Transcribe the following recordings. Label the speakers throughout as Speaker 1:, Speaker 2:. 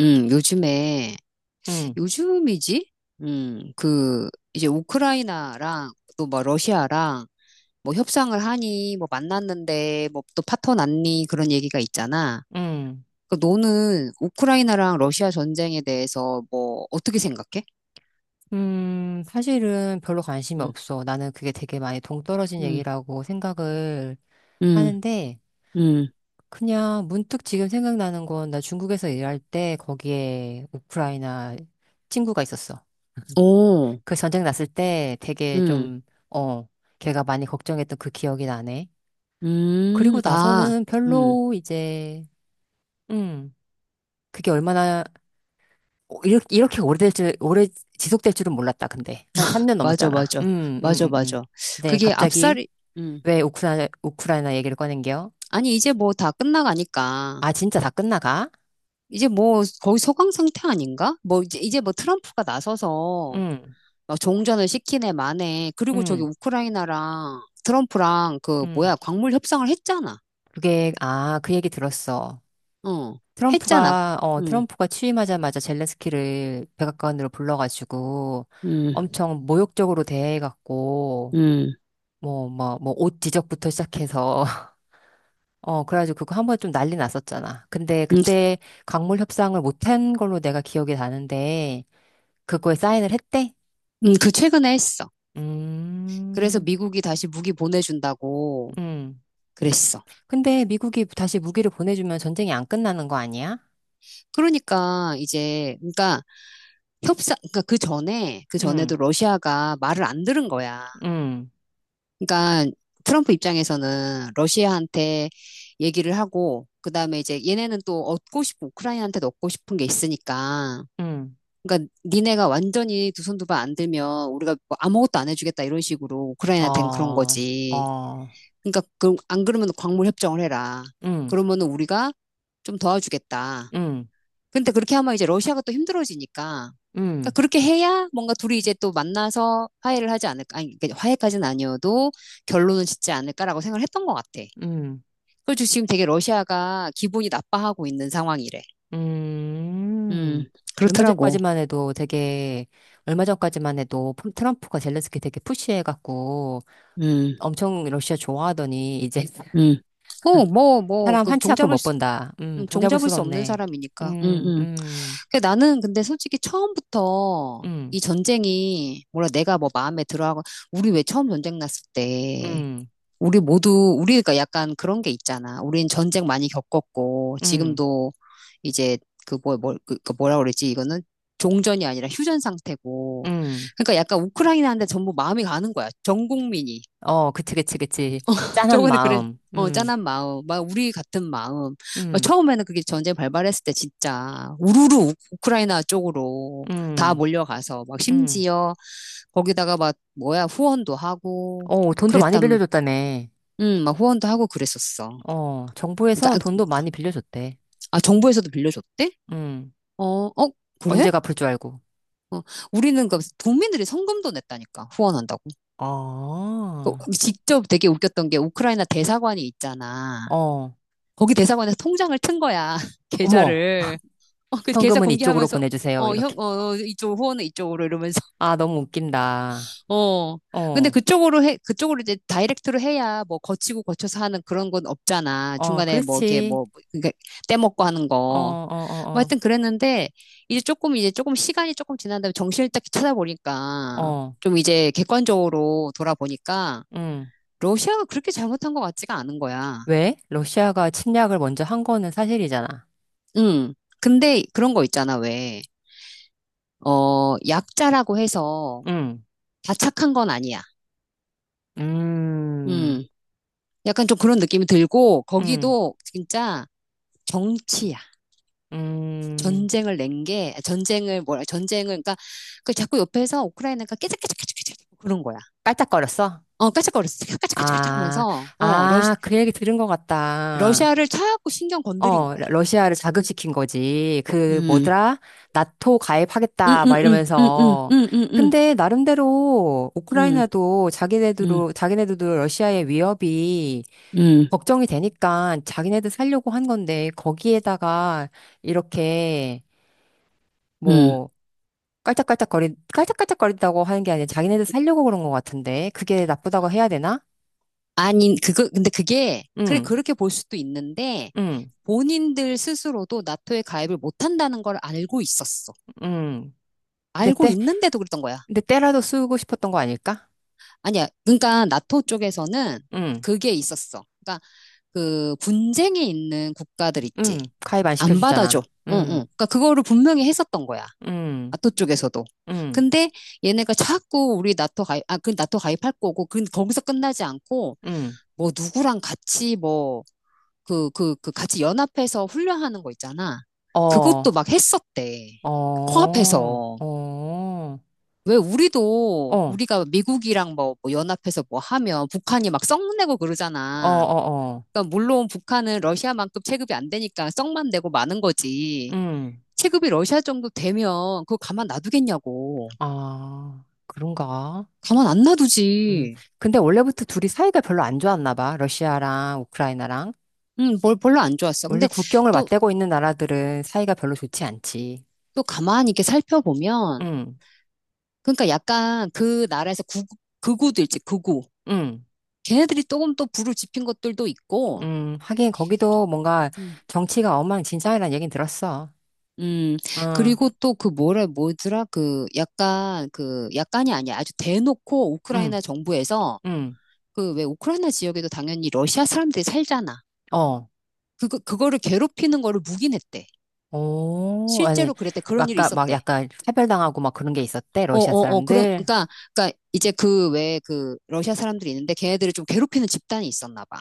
Speaker 1: 요즘에,
Speaker 2: 응,
Speaker 1: 요즘이지? 그, 이제 우크라이나랑 또 뭐 러시아랑 뭐 협상을 하니, 뭐 만났는데, 뭐 또 파토 났니, 그런 얘기가 있잖아.
Speaker 2: 응.
Speaker 1: 그 너는 우크라이나랑 러시아 전쟁에 대해서 뭐 어떻게 생각해?
Speaker 2: 사실은 별로 관심이
Speaker 1: 음,
Speaker 2: 없어. 나는 그게 되게 많이 동떨어진
Speaker 1: 음,
Speaker 2: 얘기라고 생각을
Speaker 1: 음,
Speaker 2: 하는데,
Speaker 1: 음,
Speaker 2: 그냥 문득 지금 생각나는 건 나 중국에서 일할 때 거기에 우크라이나 친구가 있었어.
Speaker 1: 오,
Speaker 2: 그 전쟁 났을 때 되게
Speaker 1: 음,
Speaker 2: 좀, 어, 걔가 많이 걱정했던 그 기억이 나네. 그리고
Speaker 1: 아,
Speaker 2: 나서는
Speaker 1: 음,
Speaker 2: 별로 이제, 음, 그게 얼마나 이렇게 오래 지속될 줄은 몰랐다, 근데. 한 3년
Speaker 1: 맞아,
Speaker 2: 넘었잖아.
Speaker 1: 맞아, 맞아, 맞아.
Speaker 2: 네,
Speaker 1: 그게
Speaker 2: 갑자기
Speaker 1: 앞살이, 음,
Speaker 2: 왜 우크라이나 얘기를 꺼낸겨?
Speaker 1: 아니, 이제 뭐 다 끝나가니까.
Speaker 2: 아, 진짜 다 끝나가?
Speaker 1: 이제 뭐 거의 소강 상태 아닌가? 뭐 이제 뭐 트럼프가 나서서
Speaker 2: 음,
Speaker 1: 막 종전을 시키네 마네. 그리고 저기
Speaker 2: 음,
Speaker 1: 우크라이나랑 트럼프랑 그
Speaker 2: 음.
Speaker 1: 뭐야 광물 협상을 했잖아.
Speaker 2: 그게, 그 얘기 들었어.
Speaker 1: 어, 했잖아.
Speaker 2: 트럼프가, 어,
Speaker 1: 음,
Speaker 2: 트럼프가 취임하자마자 젤렌스키를 백악관으로 불러가지고
Speaker 1: 음,
Speaker 2: 엄청 모욕적으로 대해갖고,
Speaker 1: 음,
Speaker 2: 뭐, 옷 지적부터 시작해서 그래가지고 그거 한 번에 좀 난리 났었잖아. 근데
Speaker 1: 음,
Speaker 2: 그때 광물 협상을 못한 걸로 내가 기억이 나는데, 그거에 사인을 했대?
Speaker 1: 그 최근에 했어. 그래서
Speaker 2: 음,
Speaker 1: 미국이 다시 무기 보내준다고
Speaker 2: 음.
Speaker 1: 그랬어.
Speaker 2: 근데 미국이 다시 무기를 보내주면 전쟁이 안 끝나는 거 아니야?
Speaker 1: 그러니까 이제 협상 그 전에 그 전에도
Speaker 2: 음,
Speaker 1: 러시아가 말을 안 들은 거야.
Speaker 2: 음,
Speaker 1: 그러니까 트럼프 입장에서는 러시아한테 얘기를 하고 그다음에 이제 얘네는 또 얻고 싶고 우크라이나한테도 얻고 싶은 게 있으니까
Speaker 2: 음.
Speaker 1: 그러니까 니네가 완전히 두 손 두 발 안 들면 우리가 뭐 아무것도 안 해주겠다 이런 식으로 우크라이나한테는 그런
Speaker 2: 어,
Speaker 1: 거지.
Speaker 2: 어,
Speaker 1: 그러니까 그, 안 그러면 광물 협정을 해라.
Speaker 2: 음,
Speaker 1: 그러면은 우리가 좀 도와주겠다.
Speaker 2: 음,
Speaker 1: 근데 그렇게 하면 이제 러시아가 또 힘들어지니까. 그러니까
Speaker 2: 음,
Speaker 1: 그렇게 해야 뭔가 둘이 이제 또 만나서 화해를 하지 않을까. 아니, 그러니까 화해까지는 아니어도 결론은 짓지 않을까라고 생각을 했던 것 같아.
Speaker 2: 음,
Speaker 1: 그래서 지금 되게 러시아가 기분이 나빠하고 있는 상황이래.
Speaker 2: 음.
Speaker 1: 음,
Speaker 2: 얼마
Speaker 1: 그렇더라고.
Speaker 2: 전까지만 해도 되게, 얼마 전까지만 해도 트럼프가 젤렌스키 되게 푸시해갖고,
Speaker 1: 음,
Speaker 2: 엄청 러시아 좋아하더니 이제
Speaker 1: 음. 어, 뭐,
Speaker 2: 사람
Speaker 1: 그
Speaker 2: 한치 앞을
Speaker 1: 종잡을
Speaker 2: 못
Speaker 1: 수,
Speaker 2: 본다. 동잡을
Speaker 1: 종잡을
Speaker 2: 수가
Speaker 1: 수 없는
Speaker 2: 없네.
Speaker 1: 사람이니까.
Speaker 2: 음, 음,
Speaker 1: 그 나는 근데 솔직히 처음부터
Speaker 2: 음,
Speaker 1: 이 전쟁이, 뭐라 내가 뭐 마음에 들어하고, 우리 왜 처음 전쟁 났을 때,
Speaker 2: 음,
Speaker 1: 우리 모두, 우리가 약간 그런 게 있잖아. 우린 전쟁 많이 겪었고,
Speaker 2: 음,
Speaker 1: 지금도 이제 그 뭐, 그, 뭐라 그랬지 이거는 종전이 아니라 휴전 상태고.
Speaker 2: 음.
Speaker 1: 그러니까 약간 우크라이나한테 전부 마음이 가는 거야. 전 국민이.
Speaker 2: 어, 그치, 그치, 그치. 짠한
Speaker 1: 저번에 그래,
Speaker 2: 마음.
Speaker 1: 어, 짠한 마음, 막 우리 같은 마음. 막
Speaker 2: 음,
Speaker 1: 처음에는 그게 전쟁 발발했을 때 진짜 우르르 우크라이나 쪽으로 다
Speaker 2: 음,
Speaker 1: 몰려가서 막
Speaker 2: 음.
Speaker 1: 심지어 거기다가 막 뭐야 후원도 하고
Speaker 2: 어, 돈도 많이
Speaker 1: 그랬단,
Speaker 2: 빌려줬다며.
Speaker 1: 막 후원도 하고 그랬었어.
Speaker 2: 어, 정부에서
Speaker 1: 그러니까
Speaker 2: 돈도 많이 빌려줬대.
Speaker 1: 아, 정부에서도 빌려줬대?
Speaker 2: 음,
Speaker 1: 어, 그래?
Speaker 2: 언제 갚을 줄 알고.
Speaker 1: 어, 우리는 그 도민들이 성금도 냈다니까 후원한다고.
Speaker 2: 어,
Speaker 1: 또
Speaker 2: 어,
Speaker 1: 직접 되게 웃겼던 게 우크라이나 대사관이 있잖아. 거기 대사관에서 통장을 튼 거야
Speaker 2: 어머,
Speaker 1: 계좌를. 어, 그 계좌
Speaker 2: 현금은 이쪽으로
Speaker 1: 공개하면서
Speaker 2: 보내주세요.
Speaker 1: 어, 형,
Speaker 2: 이렇게.
Speaker 1: 어, 어, 이쪽 후원은 이쪽으로 이러면서
Speaker 2: 아, 너무 웃긴다.
Speaker 1: 어. 근데
Speaker 2: 어,
Speaker 1: 그쪽으로 해 그쪽으로 이제 다이렉트로 해야 뭐 거치고 거쳐서 하는 그런 건 없잖아.
Speaker 2: 어,
Speaker 1: 중간에 뭐 이게
Speaker 2: 그렇지.
Speaker 1: 뭐 그게 떼먹고 하는
Speaker 2: 어,
Speaker 1: 거. 뭐
Speaker 2: 어,
Speaker 1: 하여튼 그랬는데, 이제 조금 시간이 조금 지난 다음에 정신을 딱
Speaker 2: 어, 어,
Speaker 1: 찾아보니까,
Speaker 2: 어,
Speaker 1: 좀 이제 객관적으로 돌아보니까,
Speaker 2: 응.
Speaker 1: 러시아가 그렇게 잘못한 것 같지가 않은 거야.
Speaker 2: 왜? 러시아가 침략을 먼저 한 거는 사실이잖아.
Speaker 1: 응. 근데 그런 거 있잖아, 왜. 어, 약자라고 해서
Speaker 2: 응,
Speaker 1: 다 착한 건 아니야.
Speaker 2: 음,
Speaker 1: 음, 약간 좀 그런 느낌이 들고,
Speaker 2: 음
Speaker 1: 거기도 진짜 정치야.
Speaker 2: 음.
Speaker 1: 전쟁을 낸 게, 전쟁을 뭐라, 전쟁을, 그러니까, 그 자꾸 옆에서 우크라이나가 깨작깨작깨작깨작 그런 거야.
Speaker 2: 깔짝거렸어?
Speaker 1: 어, 까짝거렸어. 까짝까짝까짝
Speaker 2: 아,
Speaker 1: 하면서, 어, 러시,
Speaker 2: 아, 그 얘기 들은 것 같다.
Speaker 1: 러시아를 차갖고 신경 건드린
Speaker 2: 어,
Speaker 1: 거야.
Speaker 2: 러시아를 자극시킨 거지.
Speaker 1: 음,
Speaker 2: 뭐더라? 나토
Speaker 1: 음,
Speaker 2: 가입하겠다,
Speaker 1: 음,
Speaker 2: 막
Speaker 1: 음, 음, 음,
Speaker 2: 이러면서.
Speaker 1: 음, 음,
Speaker 2: 근데, 나름대로,
Speaker 1: 음,
Speaker 2: 우크라이나도
Speaker 1: 음,
Speaker 2: 자기네들도 러시아의 위협이
Speaker 1: 음,
Speaker 2: 걱정이 되니까 자기네들 살려고 한 건데 거기에다가 이렇게
Speaker 1: 음, 음.
Speaker 2: 뭐 깔짝깔짝거리 깔짝깔짝거린다고 하는 게 아니라 자기네들 살려고 그런 것 같은데 그게 나쁘다고 해야 되나?
Speaker 1: 아니, 그거, 근데 그게, 그래,
Speaker 2: 응,
Speaker 1: 그렇게 볼 수도 있는데,
Speaker 2: 응,
Speaker 1: 본인들 스스로도 나토에 가입을 못한다는 걸 알고 있었어.
Speaker 2: 응. 내
Speaker 1: 알고
Speaker 2: 때,
Speaker 1: 있는데도 그랬던 거야.
Speaker 2: 내 때라도 쓰고 싶었던 거 아닐까?
Speaker 1: 아니야. 그러니까 나토 쪽에서는
Speaker 2: 응,
Speaker 1: 그게 있었어. 그러니까 그 분쟁이 있는 국가들 있지.
Speaker 2: 응. 가입 안
Speaker 1: 안 받아줘.
Speaker 2: 시켜주잖아.
Speaker 1: 응, 응.
Speaker 2: 응,
Speaker 1: 그러니까 그거를 분명히 했었던 거야.
Speaker 2: 응,
Speaker 1: 나토 쪽에서도.
Speaker 2: 응,
Speaker 1: 근데 얘네가 자꾸 우리 나토 가입, 아, 그 나토 가입할 거고, 그 거기서 끝나지 않고,
Speaker 2: 응.
Speaker 1: 뭐 누구랑 같이 뭐, 그 같이 연합해서 훈련하는 거 있잖아.
Speaker 2: 어,
Speaker 1: 그것도 막 했었대.
Speaker 2: 어, 어,
Speaker 1: 코앞에서.
Speaker 2: 어,
Speaker 1: 왜 우리도
Speaker 2: 어,
Speaker 1: 우리가 미국이랑 뭐 연합해서 뭐 하면 북한이 막 썩내고
Speaker 2: 어,
Speaker 1: 그러잖아.
Speaker 2: 어.
Speaker 1: 그러니까 물론 북한은 러시아만큼 체급이 안 되니까 썩만 내고 마는 거지.
Speaker 2: 응.
Speaker 1: 체급이 러시아 정도 되면 그거 가만 놔두겠냐고.
Speaker 2: 아, 그런가?
Speaker 1: 가만 안
Speaker 2: 음.
Speaker 1: 놔두지.
Speaker 2: 근데 원래부터 둘이 사이가 별로 안 좋았나 봐. 러시아랑 우크라이나랑.
Speaker 1: 뭘 별로 안 좋았어.
Speaker 2: 원래
Speaker 1: 근데
Speaker 2: 국경을
Speaker 1: 또,
Speaker 2: 맞대고 있는 나라들은 사이가 별로 좋지 않지.
Speaker 1: 또 가만히 이렇게 살펴보면,
Speaker 2: 음,
Speaker 1: 그러니까 약간 그 나라에서 구, 극우도 있지, 극우.
Speaker 2: 음,
Speaker 1: 걔네들이 조금 또 불을 지핀 것들도 있고,
Speaker 2: 하긴 거기도 뭔가
Speaker 1: 음,
Speaker 2: 정치가 엉망진창이라는 얘긴 들었어.
Speaker 1: 음,
Speaker 2: 응,
Speaker 1: 그리고 또 그 뭐라, 뭐더라, 그 약간, 그 약간이 아니야. 아주 대놓고 우크라이나
Speaker 2: 응,
Speaker 1: 정부에서
Speaker 2: 응.
Speaker 1: 그 왜 우크라이나 지역에도 당연히 러시아 사람들이 살잖아.
Speaker 2: 어.
Speaker 1: 그거를 괴롭히는 거를 묵인했대.
Speaker 2: 오, 아니,
Speaker 1: 실제로 그랬대. 그런 일이
Speaker 2: 막까 막
Speaker 1: 있었대.
Speaker 2: 약간 차별당하고 막 그런 게 있었대,
Speaker 1: 어,
Speaker 2: 러시아
Speaker 1: 어, 어, 그런,
Speaker 2: 사람들.
Speaker 1: 그러니까, 그러니까 이제 그 외에 그 러시아 사람들이 있는데 걔네들을 좀 괴롭히는 집단이 있었나 봐.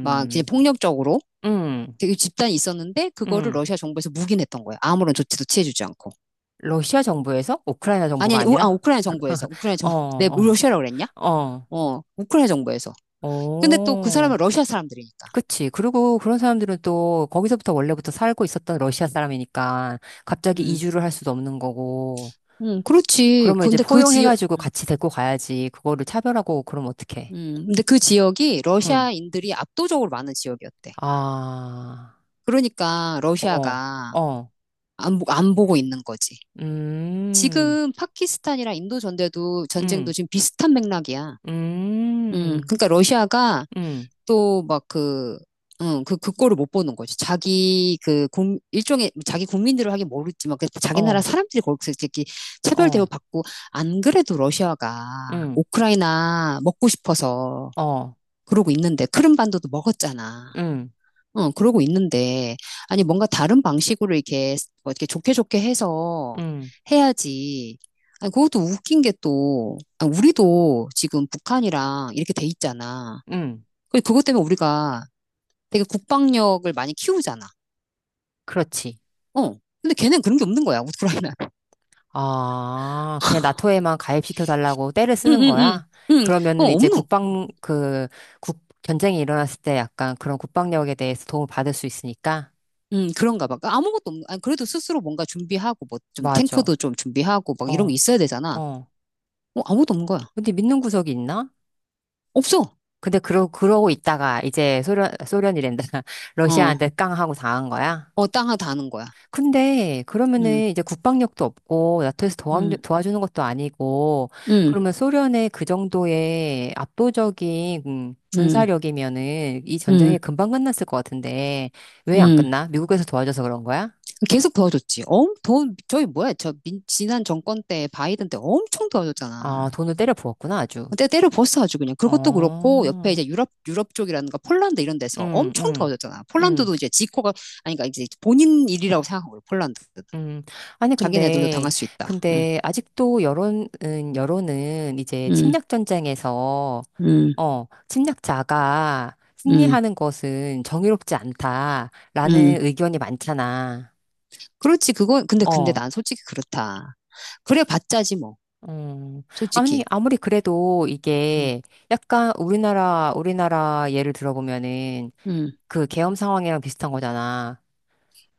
Speaker 1: 막 이제 폭력적으로
Speaker 2: 음,
Speaker 1: 되게 집단이 있었는데 그거를
Speaker 2: 음.
Speaker 1: 러시아 정부에서 묵인했던 거예요. 아무런 조치도 취해주지 않고.
Speaker 2: 러시아 정부에서? 우크라이나
Speaker 1: 아니,
Speaker 2: 정부가
Speaker 1: 아니,
Speaker 2: 아니라?
Speaker 1: 우크라이나 정부에서. 우크라이나 정,
Speaker 2: 어,
Speaker 1: 내
Speaker 2: 어,
Speaker 1: 러시아라고 그랬냐?
Speaker 2: 어.
Speaker 1: 어, 우크라이나 정부에서. 근데 또 그 사람은
Speaker 2: 어,
Speaker 1: 러시아 사람들이니까.
Speaker 2: 그치. 그리고 그런 사람들은 또 거기서부터 원래부터 살고 있었던 러시아 사람이니까 갑자기
Speaker 1: 음,
Speaker 2: 이주를 할 수도 없는 거고.
Speaker 1: 그렇지.
Speaker 2: 그러면 이제
Speaker 1: 근데 그 지역,
Speaker 2: 포용해가지고 같이 데리고 가야지. 그거를 차별하고 그러면 어떡해.
Speaker 1: 근데 그 지역이
Speaker 2: 응.
Speaker 1: 러시아인들이 압도적으로 많은 지역이었대.
Speaker 2: 아,
Speaker 1: 그러니까
Speaker 2: 어,
Speaker 1: 러시아가
Speaker 2: 어,
Speaker 1: 안, 안 보고 있는 거지.
Speaker 2: 음,
Speaker 1: 지금 파키스탄이랑 인도 전대도 전쟁도
Speaker 2: 음,
Speaker 1: 지금 비슷한 맥락이야.
Speaker 2: 음,
Speaker 1: 그러니까 러시아가
Speaker 2: 음,
Speaker 1: 또 막 그, 응, 그 꼴을 못 보는 거지. 자기 그, 일종의, 자기 국민들을 하긴 모르지만, 그 자기 나라
Speaker 2: 어,
Speaker 1: 사람들이 거기서 이렇게 차별
Speaker 2: 어,
Speaker 1: 대우받고, 안 그래도 러시아가
Speaker 2: 음,
Speaker 1: 우크라이나 먹고 싶어서
Speaker 2: 어,
Speaker 1: 그러고 있는데, 크림반도도 먹었잖아.
Speaker 2: 음,
Speaker 1: 어, 그러고 있는데, 아니, 뭔가 다른 방식으로 이렇게, 뭐 이렇게 좋게 좋게 해서
Speaker 2: 음,
Speaker 1: 해야지. 아니, 그것도 웃긴 게 또, 아, 우리도 지금 북한이랑 이렇게 돼 있잖아.
Speaker 2: 음.
Speaker 1: 그것 때문에 우리가 되게 국방력을 많이 키우잖아.
Speaker 2: 그렇지.
Speaker 1: 어. 근데 걔는 그런 게 없는 거야, 우크라이나.
Speaker 2: 아, 그냥 나토에만 가입시켜 달라고 떼를
Speaker 1: 응,
Speaker 2: 쓰는
Speaker 1: 응, 응.
Speaker 2: 거야?
Speaker 1: 응, 어,
Speaker 2: 그러면은 이제
Speaker 1: 없노.
Speaker 2: 전쟁이 일어났을 때 약간 그런 국방력에 대해서 도움을 받을 수 있으니까?
Speaker 1: 응, 그런가 봐. 그러니까 아무것도 없는, 아니, 그래도 스스로 뭔가 준비하고, 뭐, 좀 탱크도
Speaker 2: 맞아.
Speaker 1: 좀 준비하고, 막 이런 거
Speaker 2: 어,
Speaker 1: 있어야 되잖아.
Speaker 2: 어.
Speaker 1: 어, 아무것도 없는 거야.
Speaker 2: 근데 믿는 구석이 있나?
Speaker 1: 없어.
Speaker 2: 근데 그러고 있다가 이제 소련이란다.
Speaker 1: 어,
Speaker 2: 러시아한테 깡하고 당한 거야?
Speaker 1: 어, 땅 하나 다는 거야.
Speaker 2: 근데
Speaker 1: 음.
Speaker 2: 그러면은 이제 국방력도 없고 나토에서
Speaker 1: 음,
Speaker 2: 도와주는 것도 아니고
Speaker 1: 음,
Speaker 2: 그러면 소련의 그 정도의 압도적인
Speaker 1: 음,
Speaker 2: 군사력이면은 이
Speaker 1: 음,
Speaker 2: 전쟁이 금방 끝났을 것 같은데 왜 안
Speaker 1: 음.
Speaker 2: 끝나? 미국에서 도와줘서 그런 거야?
Speaker 1: 계속 도와줬지. 엄, 돈, 저희 뭐야, 저 민, 지난 정권 때, 바이든 때 엄청
Speaker 2: 아,
Speaker 1: 도와줬잖아.
Speaker 2: 돈을 때려 부었구나 아주.
Speaker 1: 때 때려 부었어 아주 그냥. 그것도 그렇고, 옆에
Speaker 2: 어,
Speaker 1: 이제 유럽 쪽이라든가 폴란드 이런 데서
Speaker 2: 응,
Speaker 1: 엄청
Speaker 2: 응,
Speaker 1: 도와줬잖아. 폴란드도
Speaker 2: 응.
Speaker 1: 이제 지코가, 아니, 그러니까 이제 본인 일이라고 생각한 거요 폴란드.
Speaker 2: 음, 아니,
Speaker 1: 자기네들도
Speaker 2: 근데,
Speaker 1: 당할 수 있다.
Speaker 2: 근데, 아직도 여론은 이제
Speaker 1: 음,
Speaker 2: 침략전쟁에서,
Speaker 1: 음,
Speaker 2: 침략자가
Speaker 1: 음,
Speaker 2: 승리하는 것은 정의롭지
Speaker 1: 음.
Speaker 2: 않다라는 의견이 많잖아.
Speaker 1: 그렇지, 그건, 근데
Speaker 2: 어,
Speaker 1: 난 솔직히 그렇다. 그래 봤자지, 뭐.
Speaker 2: 음. 아니,
Speaker 1: 솔직히.
Speaker 2: 아무리 그래도
Speaker 1: 음,
Speaker 2: 이게 약간 우리나라 예를 들어보면은
Speaker 1: 음.
Speaker 2: 그 계엄 상황이랑 비슷한 거잖아.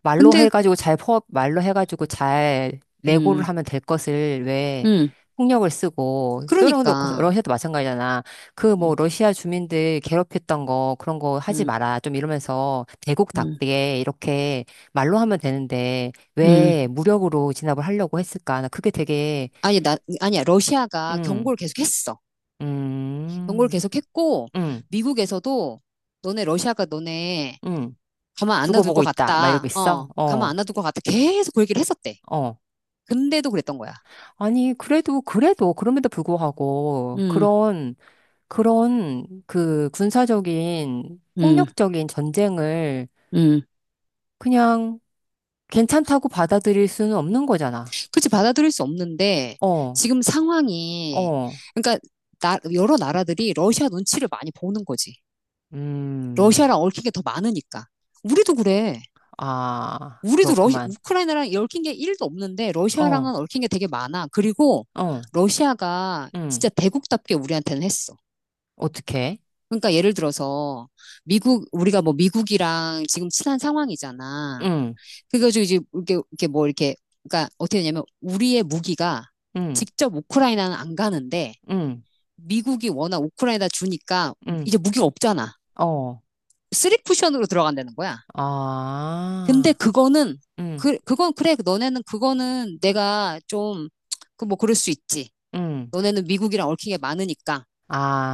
Speaker 1: 근데,
Speaker 2: 말로 해가지고 잘 레고를
Speaker 1: 음.
Speaker 2: 하면 될 것을 왜
Speaker 1: 음.
Speaker 2: 폭력을 쓰고 소련도 그렇고
Speaker 1: 그러니까.
Speaker 2: 러시아도 마찬가지잖아. 그
Speaker 1: 음,
Speaker 2: 뭐 러시아 주민들 괴롭혔던 거 그런 거 하지
Speaker 1: 음,
Speaker 2: 마라 좀 이러면서
Speaker 1: 음,
Speaker 2: 대국답게 이렇게 말로 하면 되는데
Speaker 1: 음.
Speaker 2: 왜 무력으로 진압을 하려고 했을까? 나 그게 되게
Speaker 1: 아니, 나, 아니야. 러시아가
Speaker 2: 음,
Speaker 1: 경고를 계속 했어. 경고를
Speaker 2: 음,
Speaker 1: 계속 했고,
Speaker 2: 음,
Speaker 1: 미국에서도 너네 러시아가 너네
Speaker 2: 음.
Speaker 1: 가만 안
Speaker 2: 두고
Speaker 1: 놔둘 것
Speaker 2: 보고 있다. 막
Speaker 1: 같다.
Speaker 2: 이러고 있어.
Speaker 1: 어, 가만 안
Speaker 2: 어,
Speaker 1: 놔둘 것 같다. 계속 그 얘기를 했었대.
Speaker 2: 어.
Speaker 1: 근데도 그랬던 거야.
Speaker 2: 아니, 그래도, 그럼에도 불구하고,
Speaker 1: 음,
Speaker 2: 그런 그 군사적인
Speaker 1: 음,
Speaker 2: 폭력적인 전쟁을
Speaker 1: 음.
Speaker 2: 그냥 괜찮다고 받아들일 수는 없는 거잖아.
Speaker 1: 그치, 받아들일 수 없는데,
Speaker 2: 어,
Speaker 1: 지금 상황이,
Speaker 2: 어,
Speaker 1: 그러니까, 나, 여러 나라들이 러시아 눈치를 많이 보는 거지.
Speaker 2: 음,
Speaker 1: 러시아랑 얽힌 게 더 많으니까. 우리도 그래.
Speaker 2: 아,
Speaker 1: 우리도 러시,
Speaker 2: 그렇구만.
Speaker 1: 우크라이나랑 얽힌 게 1도 없는데 러시아랑은
Speaker 2: 어,
Speaker 1: 얽힌 게 되게 많아. 그리고
Speaker 2: 어,
Speaker 1: 러시아가
Speaker 2: 음,
Speaker 1: 진짜 대국답게 우리한테는 했어.
Speaker 2: 어떻게?
Speaker 1: 그러니까 예를 들어서 미국 우리가 뭐 미국이랑 지금 친한 상황이잖아.
Speaker 2: 음,
Speaker 1: 그래가지고 이제 이렇게 이렇게 뭐 이렇게 그러니까 어떻게 되냐면 우리의 무기가
Speaker 2: 음,
Speaker 1: 직접 우크라이나는 안 가는데
Speaker 2: 음,
Speaker 1: 미국이 워낙 우크라이나 주니까
Speaker 2: 음,
Speaker 1: 이제 무기가 없잖아.
Speaker 2: 어,
Speaker 1: 쓰리 쿠션으로 들어간다는 거야. 근데
Speaker 2: 아,
Speaker 1: 그거는,
Speaker 2: 음,
Speaker 1: 그건 그래. 너네는 그거는 내가 좀, 그 뭐 그럴 수 있지.
Speaker 2: 음,
Speaker 1: 너네는 미국이랑 얽힌 게 많으니까.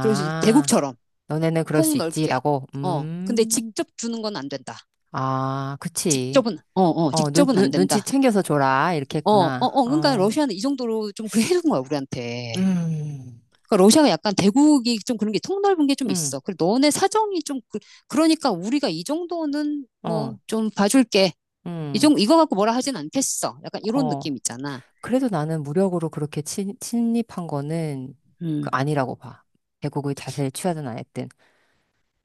Speaker 1: 그럴 수 있지. 대국처럼.
Speaker 2: 너네는 그럴
Speaker 1: 통
Speaker 2: 수
Speaker 1: 넓게.
Speaker 2: 있지라고.
Speaker 1: 어. 근데 직접 주는 건 안 된다.
Speaker 2: 아, 그치.
Speaker 1: 직접은, 어,
Speaker 2: 어, 눈,
Speaker 1: 직접은 안
Speaker 2: 눈, 눈치
Speaker 1: 된다.
Speaker 2: 챙겨서 줘라. 이렇게
Speaker 1: 어, 어,
Speaker 2: 했구나.
Speaker 1: 어. 그러니까
Speaker 2: 어,
Speaker 1: 러시아는 이 정도로 좀 그래 해준 거야, 우리한테.
Speaker 2: 음,
Speaker 1: 그러니까 러시아가 약간 대국이 좀 그런 게 통 넓은 게 좀
Speaker 2: 음,
Speaker 1: 있어. 그래, 너네 사정이 좀, 그, 그러니까 우리가 이 정도는 뭐
Speaker 2: 어,
Speaker 1: 좀 봐줄게. 이
Speaker 2: 음,
Speaker 1: 정, 이거 갖고 뭐라 하진 않겠어. 약간 이런 느낌
Speaker 2: 어.
Speaker 1: 있잖아.
Speaker 2: 그래도 나는 무력으로 그렇게 침입한 거는 그
Speaker 1: 음.
Speaker 2: 아니라고 봐. 대국의 자세를 취하든 안 했든.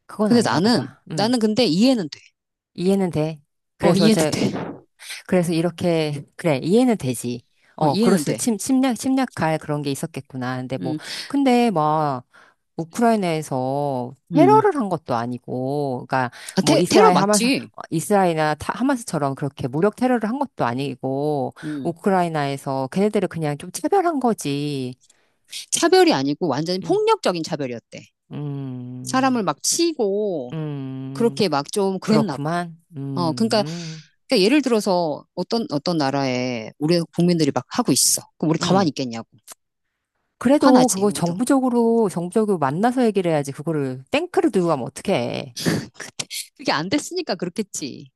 Speaker 2: 그건
Speaker 1: 근데
Speaker 2: 아니라고
Speaker 1: 나는,
Speaker 2: 봐.
Speaker 1: 나는 근데 이해는 돼.
Speaker 2: 이해는 돼.
Speaker 1: 어,
Speaker 2: 그래서
Speaker 1: 이해는
Speaker 2: 이제,
Speaker 1: 돼.
Speaker 2: 그래서 이렇게, 그래, 이해는 되지.
Speaker 1: 어,
Speaker 2: 어, 그럴
Speaker 1: 이해는
Speaker 2: 수,
Speaker 1: 돼.
Speaker 2: 침, 침략, 침략할 그런 게 있었겠구나. 근데 뭐,
Speaker 1: 음,
Speaker 2: 근데 막, 우크라이나에서
Speaker 1: 음.
Speaker 2: 테러를 한 것도 아니고, 그러니까 뭐
Speaker 1: 테러 맞지?
Speaker 2: 이스라엘이나 하마스처럼 그렇게 무력 테러를 한 것도 아니고,
Speaker 1: 음.
Speaker 2: 우크라이나에서 걔네들을 그냥 좀 차별한 거지.
Speaker 1: 차별이 아니고 완전히
Speaker 2: 음,
Speaker 1: 폭력적인 차별이었대.
Speaker 2: 음,
Speaker 1: 사람을 막 치고,
Speaker 2: 음,
Speaker 1: 그렇게 막 좀 그랬나 봐.
Speaker 2: 그렇구만.
Speaker 1: 어, 그러니까, 그러니까 예를 들어서 어떤, 어떤 나라에 우리 국민들이 막 하고 있어. 그럼 우리 가만히
Speaker 2: 음.
Speaker 1: 있겠냐고.
Speaker 2: 그래도
Speaker 1: 화나지,
Speaker 2: 그거
Speaker 1: 우리도.
Speaker 2: 정부적으로, 정부적으로 만나서 얘기를 해야지. 그거를 탱크를 들고 가면 어떡해.
Speaker 1: 그게 안 됐으니까 그렇겠지.